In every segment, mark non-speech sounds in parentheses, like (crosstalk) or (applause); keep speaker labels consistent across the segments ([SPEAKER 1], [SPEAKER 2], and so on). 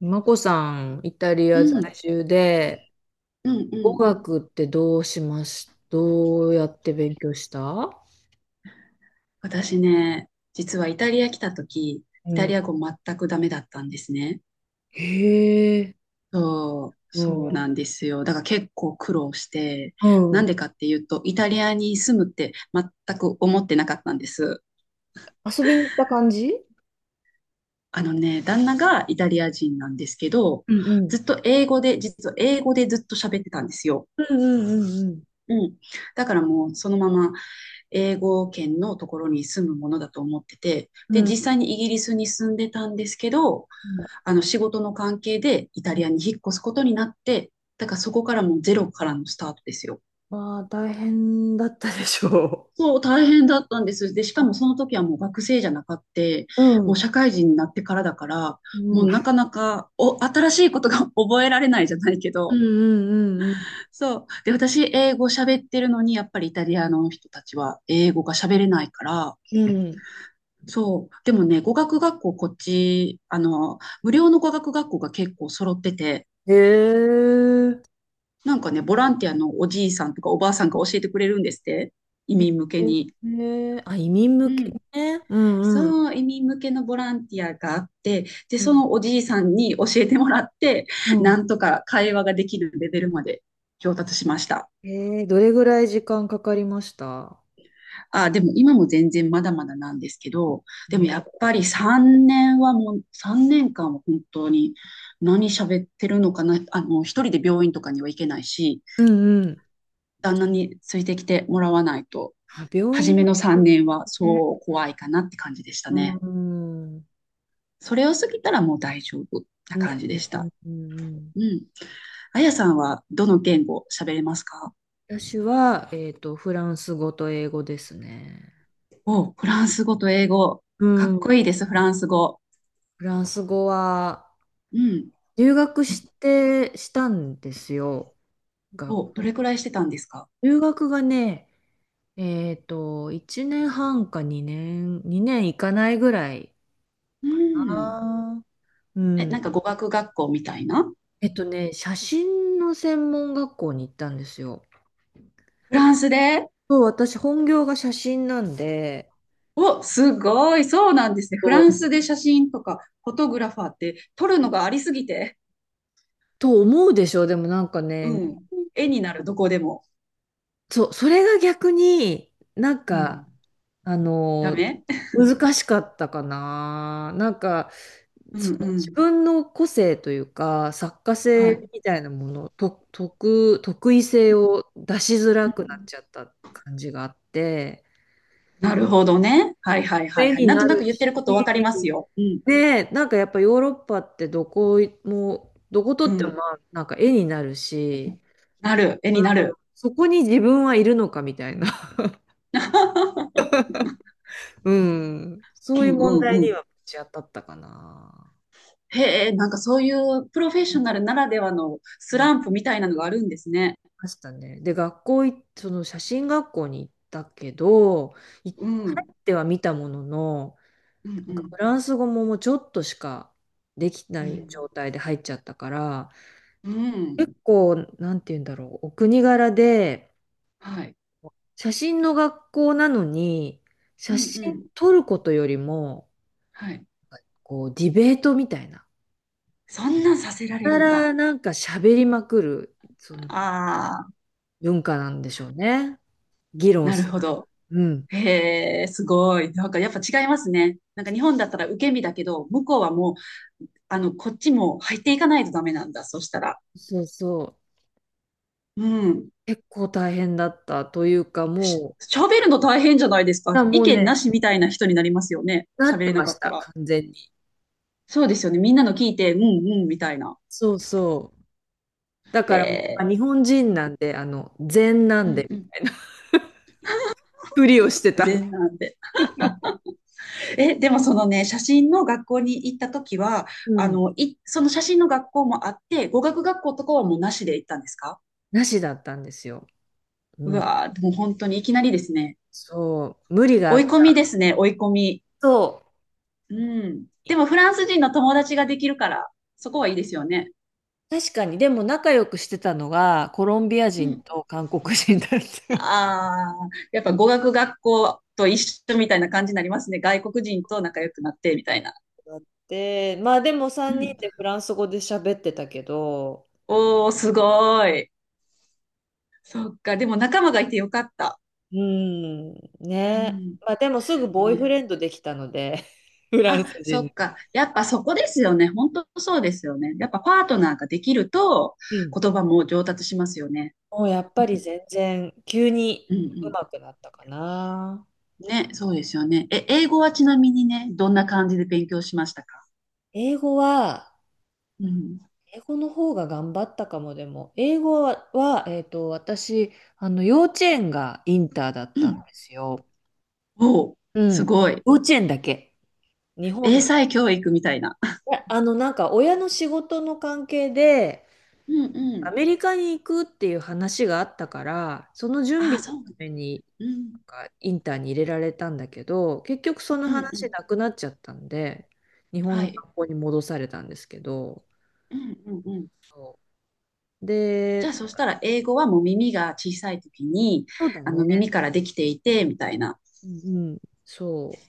[SPEAKER 1] マコさん、イタリ
[SPEAKER 2] う
[SPEAKER 1] ア在
[SPEAKER 2] ん、
[SPEAKER 1] 住で、
[SPEAKER 2] うん、う
[SPEAKER 1] 語
[SPEAKER 2] ん。
[SPEAKER 1] 学ってどうしますどうやって勉強した？
[SPEAKER 2] 私ね、実はイタリア来た時、
[SPEAKER 1] う
[SPEAKER 2] イタ
[SPEAKER 1] ん。
[SPEAKER 2] リア語全くダメだったんですね。
[SPEAKER 1] へえ。
[SPEAKER 2] そう、
[SPEAKER 1] うん。
[SPEAKER 2] そうなんですよ。だから結構苦労して、
[SPEAKER 1] う
[SPEAKER 2] なん
[SPEAKER 1] ん。
[SPEAKER 2] でかっていうと、イタリアに住むって全く思ってなかったんです。
[SPEAKER 1] 遊びに行った感じ？
[SPEAKER 2] あのね、旦那がイタリア人なんですけど、
[SPEAKER 1] うんうん。
[SPEAKER 2] ずっと英語で、実は英語でずっと喋ってたんですよ。
[SPEAKER 1] うんうんうん。
[SPEAKER 2] うん。だからもうそのまま英語圏のところに住むものだと思ってて、
[SPEAKER 1] う
[SPEAKER 2] で、
[SPEAKER 1] ん
[SPEAKER 2] 実際にイギリスに住んでたんですけど、
[SPEAKER 1] うん。
[SPEAKER 2] 仕事の関係でイタリアに引っ越すことになって、だからそこからもうゼロからのスタートですよ。
[SPEAKER 1] まあ、大変だったでしょ
[SPEAKER 2] そう、大変だったんです。で、しかもその時はもう学生じゃなかって、
[SPEAKER 1] う？う
[SPEAKER 2] もう
[SPEAKER 1] ん。
[SPEAKER 2] 社会人になってからだから、
[SPEAKER 1] う
[SPEAKER 2] も
[SPEAKER 1] んう。
[SPEAKER 2] うなかなか新しいことが (laughs) 覚えられないじゃないけ
[SPEAKER 1] んう
[SPEAKER 2] ど、
[SPEAKER 1] んうん
[SPEAKER 2] そう。で、私、英語喋ってるのに、やっぱりイタリアの人たちは英語が喋れないから、
[SPEAKER 1] うん。うん。
[SPEAKER 2] そう。でもね、語学学校、こっち、無料の語学学校が結構揃ってて、
[SPEAKER 1] へえ。
[SPEAKER 2] なんかね、ボランティアのおじいさんとかおばあさんが教えてくれるんですって、移民向けに。
[SPEAKER 1] へえ、あ、移民向
[SPEAKER 2] う
[SPEAKER 1] け
[SPEAKER 2] ん、
[SPEAKER 1] ね。うんうん。
[SPEAKER 2] そう、移民向けのボランティアがあって、で、
[SPEAKER 1] う
[SPEAKER 2] そ
[SPEAKER 1] ん。
[SPEAKER 2] のおじいさんに教えてもらって、
[SPEAKER 1] う
[SPEAKER 2] な
[SPEAKER 1] ん。
[SPEAKER 2] んとか会話ができるレベルまで上達しました。
[SPEAKER 1] えどれぐらい時間かかりました？
[SPEAKER 2] あ、でも今も全然まだまだなんですけど、
[SPEAKER 1] う
[SPEAKER 2] でも
[SPEAKER 1] ん
[SPEAKER 2] やっぱり3年はもう、3年間は本当に何喋ってるのかな、一人で病院とかには行けないし、
[SPEAKER 1] うんうん。
[SPEAKER 2] 旦那についてきてもらわないと
[SPEAKER 1] あ、病
[SPEAKER 2] 初
[SPEAKER 1] 院
[SPEAKER 2] め
[SPEAKER 1] は。
[SPEAKER 2] の
[SPEAKER 1] そ
[SPEAKER 2] 3年は
[SPEAKER 1] うね。
[SPEAKER 2] そう怖いかなって感じでした
[SPEAKER 1] う
[SPEAKER 2] ね。
[SPEAKER 1] ん。うん
[SPEAKER 2] それを過ぎたらもう大丈夫な
[SPEAKER 1] うん
[SPEAKER 2] 感じ
[SPEAKER 1] う
[SPEAKER 2] で
[SPEAKER 1] ん
[SPEAKER 2] し
[SPEAKER 1] うん
[SPEAKER 2] た。
[SPEAKER 1] うん。
[SPEAKER 2] うん。あやさんはどの言語喋れますか？
[SPEAKER 1] 私は、フランス語と英語ですね。
[SPEAKER 2] お、フランス語と英語。
[SPEAKER 1] う
[SPEAKER 2] かっ
[SPEAKER 1] ん。
[SPEAKER 2] こいいです、フランス語。
[SPEAKER 1] フランス語は
[SPEAKER 2] うん。
[SPEAKER 1] 留学したんですよ。が、
[SPEAKER 2] お、どれくらいしてたんですか？
[SPEAKER 1] 留学がね、1年半か2年、2年いかないぐらい
[SPEAKER 2] う
[SPEAKER 1] か
[SPEAKER 2] ん。
[SPEAKER 1] な。う
[SPEAKER 2] え、な
[SPEAKER 1] ん。
[SPEAKER 2] んか語学学校みたいな？
[SPEAKER 1] 写真の専門学校に行ったんですよ。
[SPEAKER 2] フランスで？
[SPEAKER 1] そう、私本業が写真なんで、
[SPEAKER 2] お、すごい。そうなんですね。フラ
[SPEAKER 1] そう
[SPEAKER 2] ンスで写真とか？フォトグラファーって撮るのがありすぎて。
[SPEAKER 1] と思うでしょ？でもなんかね、
[SPEAKER 2] うん。絵になる、どこでも。
[SPEAKER 1] そう、それが逆になん
[SPEAKER 2] うん。
[SPEAKER 1] か、あ
[SPEAKER 2] ダ
[SPEAKER 1] の、
[SPEAKER 2] メ？
[SPEAKER 1] 難しかったかな。なんか、
[SPEAKER 2] う
[SPEAKER 1] そ
[SPEAKER 2] ん
[SPEAKER 1] の
[SPEAKER 2] う
[SPEAKER 1] 自
[SPEAKER 2] ん。
[SPEAKER 1] 分の個性というか、作家
[SPEAKER 2] はい。
[SPEAKER 1] 性みたいなもの、と、得意性を出しづ
[SPEAKER 2] う
[SPEAKER 1] らくなっ
[SPEAKER 2] ん。
[SPEAKER 1] ちゃった感じがあって、
[SPEAKER 2] なるほどね。はいはいはい
[SPEAKER 1] 目
[SPEAKER 2] はい。
[SPEAKER 1] に
[SPEAKER 2] なん
[SPEAKER 1] な
[SPEAKER 2] とな
[SPEAKER 1] る
[SPEAKER 2] く言って
[SPEAKER 1] し、
[SPEAKER 2] ることわかりますよ。うん。
[SPEAKER 1] ねえ、なんかやっぱヨーロッパってどこ撮
[SPEAKER 2] う
[SPEAKER 1] っても
[SPEAKER 2] ん。
[SPEAKER 1] まあなんか絵になるし、
[SPEAKER 2] なる。絵
[SPEAKER 1] う
[SPEAKER 2] に
[SPEAKER 1] ん、
[SPEAKER 2] なる。
[SPEAKER 1] そこに自分はいるのかみたいな。(laughs) うん、そ
[SPEAKER 2] う
[SPEAKER 1] う
[SPEAKER 2] ん
[SPEAKER 1] いう問
[SPEAKER 2] う
[SPEAKER 1] 題
[SPEAKER 2] んう
[SPEAKER 1] に
[SPEAKER 2] ん。
[SPEAKER 1] はぶち当たったかな。
[SPEAKER 2] へえ、なんかそういうプロフェッショナルならではの
[SPEAKER 1] う
[SPEAKER 2] ス
[SPEAKER 1] ん、
[SPEAKER 2] ランプみたいなのがあるんですね。
[SPEAKER 1] ましたね。で、学校い、その写真学校に行ったけど、
[SPEAKER 2] うん。う
[SPEAKER 1] 入
[SPEAKER 2] ん
[SPEAKER 1] っては見たものの、
[SPEAKER 2] う
[SPEAKER 1] なんかフ
[SPEAKER 2] ん。
[SPEAKER 1] ランス語ももうちょっとしかできな
[SPEAKER 2] う
[SPEAKER 1] い状
[SPEAKER 2] ん。
[SPEAKER 1] 態で入っちゃったから、
[SPEAKER 2] うん。
[SPEAKER 1] 結構、なんて言うんだろう、お国柄で、
[SPEAKER 2] はい。
[SPEAKER 1] 写真の学校なのに、
[SPEAKER 2] う
[SPEAKER 1] 写
[SPEAKER 2] んう
[SPEAKER 1] 真
[SPEAKER 2] ん。
[SPEAKER 1] 撮ることよりも、
[SPEAKER 2] はい。
[SPEAKER 1] こう、ディベートみたいな。
[SPEAKER 2] そんなんさせられ
[SPEAKER 1] や
[SPEAKER 2] るんだ。
[SPEAKER 1] らなんか喋りまくる、その
[SPEAKER 2] ああ、
[SPEAKER 1] 文化なんでしょうね。議論
[SPEAKER 2] なる
[SPEAKER 1] する。
[SPEAKER 2] ほど。
[SPEAKER 1] うん。
[SPEAKER 2] へえ、すごい。なんかやっぱ違いますね。なんか日本だったら受け身だけど、向こうはもうこっちも入っていかないとダメなんだ、そしたら。
[SPEAKER 1] そうそう。
[SPEAKER 2] うん。
[SPEAKER 1] 結構大変だったというか、
[SPEAKER 2] し
[SPEAKER 1] も
[SPEAKER 2] 喋るの大変じゃないですか。
[SPEAKER 1] う、あ、も
[SPEAKER 2] 意
[SPEAKER 1] う
[SPEAKER 2] 見
[SPEAKER 1] ね、
[SPEAKER 2] なしみたいな人になりますよね。
[SPEAKER 1] な
[SPEAKER 2] 喋
[SPEAKER 1] って
[SPEAKER 2] れな
[SPEAKER 1] ま
[SPEAKER 2] か
[SPEAKER 1] し
[SPEAKER 2] った
[SPEAKER 1] た、
[SPEAKER 2] ら。
[SPEAKER 1] 完全に。
[SPEAKER 2] そうですよね。みんなの聞いて、うんうんみたいな。
[SPEAKER 1] そうそう。だからもう、あ、
[SPEAKER 2] え
[SPEAKER 1] 日本人なんで、禅な
[SPEAKER 2] ー、う
[SPEAKER 1] ん
[SPEAKER 2] ん
[SPEAKER 1] で、
[SPEAKER 2] う
[SPEAKER 1] み
[SPEAKER 2] ん。
[SPEAKER 1] たいなふりをしてた。
[SPEAKER 2] 全なんで。え、でもそのね、写真の学校に行った時は、
[SPEAKER 1] うん。
[SPEAKER 2] その写真の学校もあって、語学学校とかはもうなしで行ったんですか？
[SPEAKER 1] なしだったんですよ。う
[SPEAKER 2] う
[SPEAKER 1] ん。
[SPEAKER 2] わー、でも本当にいきなりですね。
[SPEAKER 1] そう。無理があ
[SPEAKER 2] 追
[SPEAKER 1] っ
[SPEAKER 2] い
[SPEAKER 1] た。
[SPEAKER 2] 込みですね、追い込み。
[SPEAKER 1] そう。
[SPEAKER 2] うん。でもフランス人の友達ができるから、そこはいいですよね。
[SPEAKER 1] 確かに、でも仲良くしてたのが、コロンビア
[SPEAKER 2] う
[SPEAKER 1] 人
[SPEAKER 2] ん。
[SPEAKER 1] と韓国人だった。
[SPEAKER 2] ああ、やっぱ語学学校と一緒みたいな感じになりますね。外国人と仲良くなってみたいな。
[SPEAKER 1] (laughs) で、まあでも
[SPEAKER 2] う
[SPEAKER 1] 3人
[SPEAKER 2] ん。
[SPEAKER 1] でフランス語で喋ってたけど、
[SPEAKER 2] おー、すごい。そっか。でも仲間がいてよかった。
[SPEAKER 1] うん、
[SPEAKER 2] う
[SPEAKER 1] ね。
[SPEAKER 2] ん。
[SPEAKER 1] まあでもすぐボーイフ
[SPEAKER 2] ね。
[SPEAKER 1] レンドできたので、(laughs) フラン
[SPEAKER 2] あ、
[SPEAKER 1] ス
[SPEAKER 2] そ
[SPEAKER 1] 人
[SPEAKER 2] っ
[SPEAKER 1] の。
[SPEAKER 2] か。やっぱそこですよね。本当そうですよね。やっぱパートナーができると
[SPEAKER 1] うん。
[SPEAKER 2] 言葉も上達しますよね。
[SPEAKER 1] もうやっぱり全然急に
[SPEAKER 2] うんう
[SPEAKER 1] 上
[SPEAKER 2] ん。
[SPEAKER 1] 手くなったかな。
[SPEAKER 2] ね、そうですよね。え、英語はちなみにね、どんな感じで勉強しましたか？
[SPEAKER 1] 英語は、
[SPEAKER 2] うん。
[SPEAKER 1] 英語の方が頑張ったかもでも、英語は、私、幼稚園がインターだっ
[SPEAKER 2] う
[SPEAKER 1] たん
[SPEAKER 2] ん。
[SPEAKER 1] ですよ。
[SPEAKER 2] おお、
[SPEAKER 1] う
[SPEAKER 2] す
[SPEAKER 1] ん。
[SPEAKER 2] ごい。
[SPEAKER 1] 幼稚園だけ。日本
[SPEAKER 2] 英
[SPEAKER 1] で。
[SPEAKER 2] 才教育みたいな。
[SPEAKER 1] えあの、なんか親の仕事の関係で、
[SPEAKER 2] うんう
[SPEAKER 1] ア
[SPEAKER 2] ん。
[SPEAKER 1] メリカに行くっていう話があったから、その準
[SPEAKER 2] あ
[SPEAKER 1] 備
[SPEAKER 2] あ、
[SPEAKER 1] の
[SPEAKER 2] そうな
[SPEAKER 1] た
[SPEAKER 2] の。
[SPEAKER 1] めに、
[SPEAKER 2] うん。
[SPEAKER 1] なんかインターに入れられたんだけど、結局その
[SPEAKER 2] うんう
[SPEAKER 1] 話
[SPEAKER 2] ん。
[SPEAKER 1] なくなっちゃったんで、日本
[SPEAKER 2] は
[SPEAKER 1] の
[SPEAKER 2] い。
[SPEAKER 1] 学校に戻されたんですけど、
[SPEAKER 2] うんうんうん。
[SPEAKER 1] そう
[SPEAKER 2] じ
[SPEAKER 1] で、
[SPEAKER 2] ゃあ、そしたら英語はもう耳が小さい時に、
[SPEAKER 1] そうだね。
[SPEAKER 2] 耳からできていて、みたいな。
[SPEAKER 1] うんうん、そ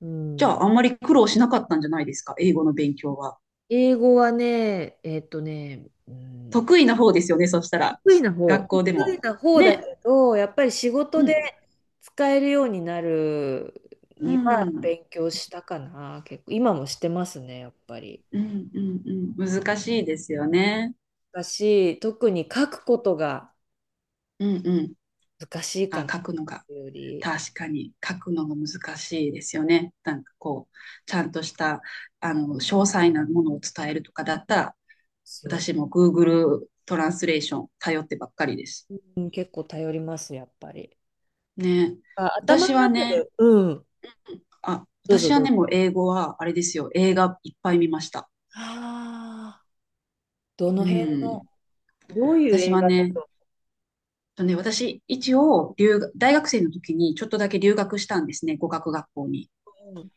[SPEAKER 1] う。う
[SPEAKER 2] じゃ
[SPEAKER 1] ん。
[SPEAKER 2] あ、あんまり苦労しなかったんじゃないですか、英語の勉強は。
[SPEAKER 1] 英語はね、うん、
[SPEAKER 2] 得意な方ですよね、そしたら。
[SPEAKER 1] 得意な方。
[SPEAKER 2] 学校で
[SPEAKER 1] 得意
[SPEAKER 2] も。
[SPEAKER 1] な方だ
[SPEAKER 2] ね。
[SPEAKER 1] けど、やっぱり仕事
[SPEAKER 2] う
[SPEAKER 1] で
[SPEAKER 2] ん。
[SPEAKER 1] 使えるようになる
[SPEAKER 2] う
[SPEAKER 1] には
[SPEAKER 2] ん。
[SPEAKER 1] 勉強したかな、結構。今もしてますね、やっぱり。
[SPEAKER 2] うんうんうん。難しいですよね。
[SPEAKER 1] だし、特に書くことが
[SPEAKER 2] うんうん。
[SPEAKER 1] 難しいか
[SPEAKER 2] あ、
[SPEAKER 1] なっ
[SPEAKER 2] 書くのが。
[SPEAKER 1] ていうより、
[SPEAKER 2] 確かに書くのが難しいですよね。なんかこう、ちゃんとした、詳細なものを伝えるとかだったら、
[SPEAKER 1] そう、
[SPEAKER 2] 私も Google トランスレーション頼ってばっかりです。
[SPEAKER 1] うん、結構頼ります、やっぱり。
[SPEAKER 2] ね。
[SPEAKER 1] あ、頭
[SPEAKER 2] 私
[SPEAKER 1] の
[SPEAKER 2] は
[SPEAKER 1] 中で、
[SPEAKER 2] ね、
[SPEAKER 1] うん、どうぞ
[SPEAKER 2] 私は
[SPEAKER 1] どう
[SPEAKER 2] ね、
[SPEAKER 1] ぞ。
[SPEAKER 2] もう英語はあれですよ。映画いっぱい見ました。
[SPEAKER 1] ああ、ど
[SPEAKER 2] う
[SPEAKER 1] の辺の、
[SPEAKER 2] ん。
[SPEAKER 1] どういう
[SPEAKER 2] 私
[SPEAKER 1] 映
[SPEAKER 2] は
[SPEAKER 1] 画だ
[SPEAKER 2] ね、
[SPEAKER 1] と？
[SPEAKER 2] とね、私、一応留学、大学生の時にちょっとだけ留学したんですね、語学学校に。
[SPEAKER 1] うん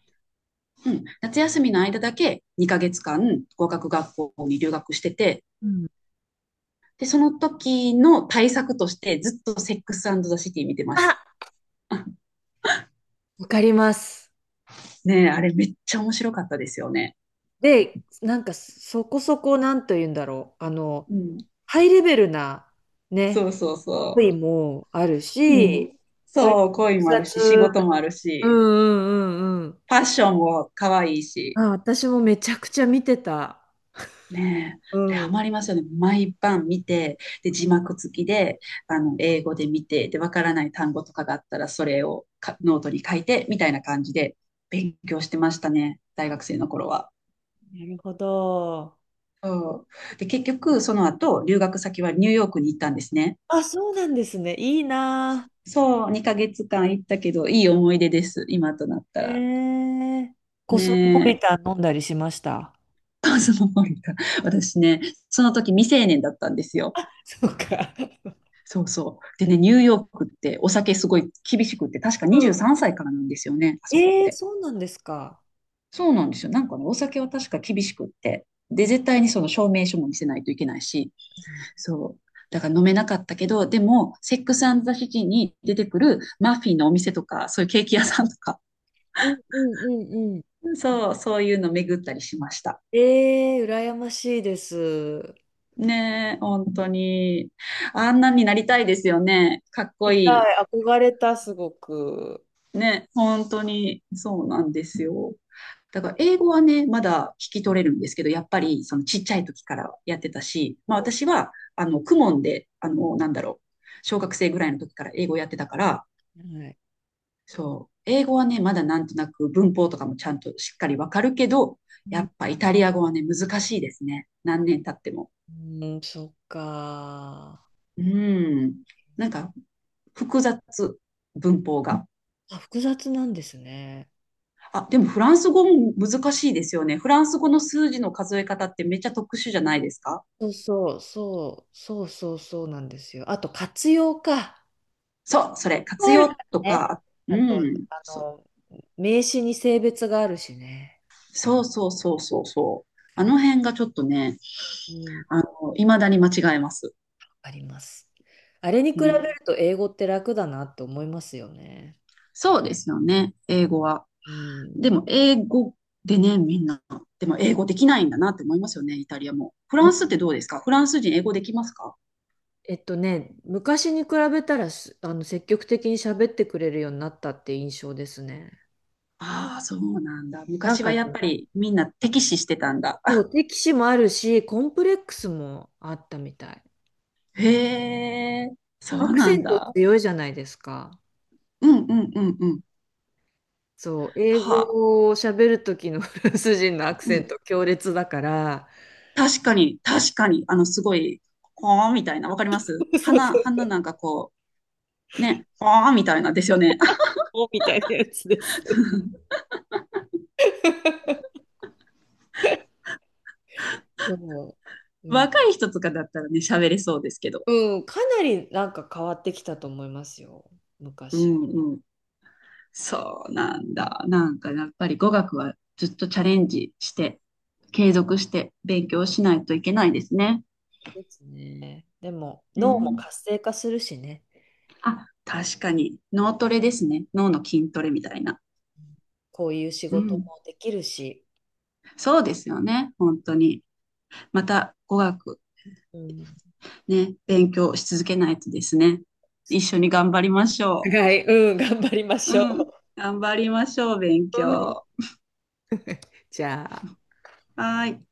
[SPEAKER 2] うん、夏休みの間だけ2ヶ月間語学学校に留学してて、
[SPEAKER 1] うん。
[SPEAKER 2] で、その時の対策としてずっとセックスザ・シティ見てました。
[SPEAKER 1] あ、
[SPEAKER 2] (laughs)
[SPEAKER 1] わかります。
[SPEAKER 2] ねえ、あれめっちゃ面白かったですよね。
[SPEAKER 1] で、なんかそこそこなんと言うんだろう、
[SPEAKER 2] うん。
[SPEAKER 1] ハイレベルなね、
[SPEAKER 2] そうそうそ
[SPEAKER 1] 恋もある
[SPEAKER 2] う。うん。
[SPEAKER 1] し、割と
[SPEAKER 2] そう、恋
[SPEAKER 1] 複
[SPEAKER 2] もあるし、仕
[SPEAKER 1] 雑。
[SPEAKER 2] 事もある
[SPEAKER 1] う
[SPEAKER 2] し、
[SPEAKER 1] んうんうんうん。
[SPEAKER 2] ファッションも可愛いし。
[SPEAKER 1] あ、私もめちゃくちゃ見てた。
[SPEAKER 2] ね
[SPEAKER 1] う
[SPEAKER 2] え、でハ
[SPEAKER 1] ん。
[SPEAKER 2] マりますよね。毎晩見て、で、字幕付きで、英語で見て、で、わからない単語とかがあったら、それをかノートに書いて、みたいな感じで勉強してましたね。大学生の頃は。
[SPEAKER 1] なるほど。
[SPEAKER 2] そう。で、結局、その後、留学先はニューヨークに行ったんですね。
[SPEAKER 1] あ、そうなんですね。いいな
[SPEAKER 2] そう、2ヶ月間行ったけど、いい思い出です、今となった
[SPEAKER 1] ぁ。
[SPEAKER 2] ら。
[SPEAKER 1] コスモポリ
[SPEAKER 2] ね
[SPEAKER 1] タン飲んだりしました。
[SPEAKER 2] え、(laughs) コスモポリタン。私ね、その時未成年だったんですよ。
[SPEAKER 1] (laughs) そうか。
[SPEAKER 2] そうそう。でね、ニューヨークってお酒すごい厳しくって、確か
[SPEAKER 1] うん。
[SPEAKER 2] 23歳からなんですよね、あそこって。
[SPEAKER 1] そうなんですか？
[SPEAKER 2] そうなんですよ。なんかね、お酒は確か厳しくって。で、絶対にその証明書も見せないといけないし、
[SPEAKER 1] うん
[SPEAKER 2] そう。だから飲めなかったけど、でも、セックスザシティに出てくるマフィンのお店とか、そういうケーキ屋さんとか、
[SPEAKER 1] うんうんうんうん。
[SPEAKER 2] (laughs) そう、そういうの巡ったりしました。
[SPEAKER 1] 羨ましいです。
[SPEAKER 2] ねえ、本当に。あんなんになりたいですよね。かっこ
[SPEAKER 1] 見た
[SPEAKER 2] い
[SPEAKER 1] い。憧れた、すごく。
[SPEAKER 2] い。ね、本当に、そうなんですよ。だから英語はね、まだ聞き取れるんですけど、やっぱりそのちっちゃい時からやってたし、まあ私は、公文で、なんだろう、小学生ぐらいの時から英語やってたから、
[SPEAKER 1] はい。
[SPEAKER 2] そう。英語はね、まだなんとなく文法とかもちゃんとしっかりわかるけど、やっ
[SPEAKER 1] う
[SPEAKER 2] ぱイタリア語はね、難しいですね。何年経っても。
[SPEAKER 1] んうん、そっか。
[SPEAKER 2] うん。なんか複雑、文法が。
[SPEAKER 1] あ、複雑なんですね。
[SPEAKER 2] あ、でもフランス語も難しいですよね。フランス語の数字の数え方ってめっちゃ特殊じゃないですか？
[SPEAKER 1] そうそうそう、そうそうそうなんですよ。あと活用か。
[SPEAKER 2] そう、それ、活
[SPEAKER 1] あるか
[SPEAKER 2] 用と
[SPEAKER 1] らね。
[SPEAKER 2] か、う
[SPEAKER 1] あと、
[SPEAKER 2] ん、
[SPEAKER 1] あ
[SPEAKER 2] そ
[SPEAKER 1] の、名詞に性別があるしね。
[SPEAKER 2] うそうそうそうそうそう。あの辺がちょっとね、
[SPEAKER 1] うん、わ
[SPEAKER 2] 未だに間違えます。
[SPEAKER 1] かります。あれに比べる
[SPEAKER 2] ね。
[SPEAKER 1] と英語って楽だなって思いますよね。
[SPEAKER 2] そうですよね、英語は。
[SPEAKER 1] う
[SPEAKER 2] で
[SPEAKER 1] ん。
[SPEAKER 2] も、英語でね、みんな。でも、英語できないんだなって思いますよね、イタリアも。フランスってどうですか？フランス人英語できますか？
[SPEAKER 1] 昔に比べたら積極的に喋ってくれるようになったって印象ですね。
[SPEAKER 2] ああー、そうなんだ。
[SPEAKER 1] なん
[SPEAKER 2] 昔は
[SPEAKER 1] かね、
[SPEAKER 2] やっぱりみんな敵視してたんだ。
[SPEAKER 1] そう、
[SPEAKER 2] (laughs)
[SPEAKER 1] 敵視もあるし、コンプレックスもあったみたい。
[SPEAKER 2] へえ、そ
[SPEAKER 1] ア
[SPEAKER 2] う
[SPEAKER 1] ク
[SPEAKER 2] な
[SPEAKER 1] セ
[SPEAKER 2] ん
[SPEAKER 1] ント
[SPEAKER 2] だ。
[SPEAKER 1] 強いじゃないですか。
[SPEAKER 2] うんうんうんうん。
[SPEAKER 1] そう、英
[SPEAKER 2] はあ、
[SPEAKER 1] 語を喋る時のフランス人のアク
[SPEAKER 2] う
[SPEAKER 1] セン
[SPEAKER 2] ん。
[SPEAKER 1] ト強烈だから、
[SPEAKER 2] 確かに、確かに、すごい、ほーみたいな、わかります
[SPEAKER 1] (laughs) そうそう。そ
[SPEAKER 2] 花、
[SPEAKER 1] う、
[SPEAKER 2] 花なんかこう、ね、ほーみたいなですよね。
[SPEAKER 1] みたいなやつです。
[SPEAKER 2] (laughs)
[SPEAKER 1] (laughs) そう、うん、
[SPEAKER 2] 若い人とかだったらね、喋れそうですけど。
[SPEAKER 1] うん、かなりなんか変わってきたと思いますよ、
[SPEAKER 2] う
[SPEAKER 1] 昔。
[SPEAKER 2] んうん。そうなんだ。なんかやっぱり語学はずっとチャレンジして、継続して勉強しないといけないですね。
[SPEAKER 1] ですね。でも、
[SPEAKER 2] う
[SPEAKER 1] 脳も
[SPEAKER 2] ん。
[SPEAKER 1] 活性化するしね。
[SPEAKER 2] あ、確かに脳トレですね。脳の筋トレみたいな。
[SPEAKER 1] こういう仕
[SPEAKER 2] う
[SPEAKER 1] 事
[SPEAKER 2] ん。
[SPEAKER 1] もできるし、
[SPEAKER 2] そうですよね。本当に。また語学
[SPEAKER 1] うん、
[SPEAKER 2] ね、勉強し続けないとですね。一緒に頑張りましょ
[SPEAKER 1] はい、うん、頑張りま
[SPEAKER 2] う。
[SPEAKER 1] しょ
[SPEAKER 2] うん。頑張りましょう、勉
[SPEAKER 1] う。
[SPEAKER 2] 強。
[SPEAKER 1] うん、
[SPEAKER 2] は
[SPEAKER 1] じゃあ。
[SPEAKER 2] ーい。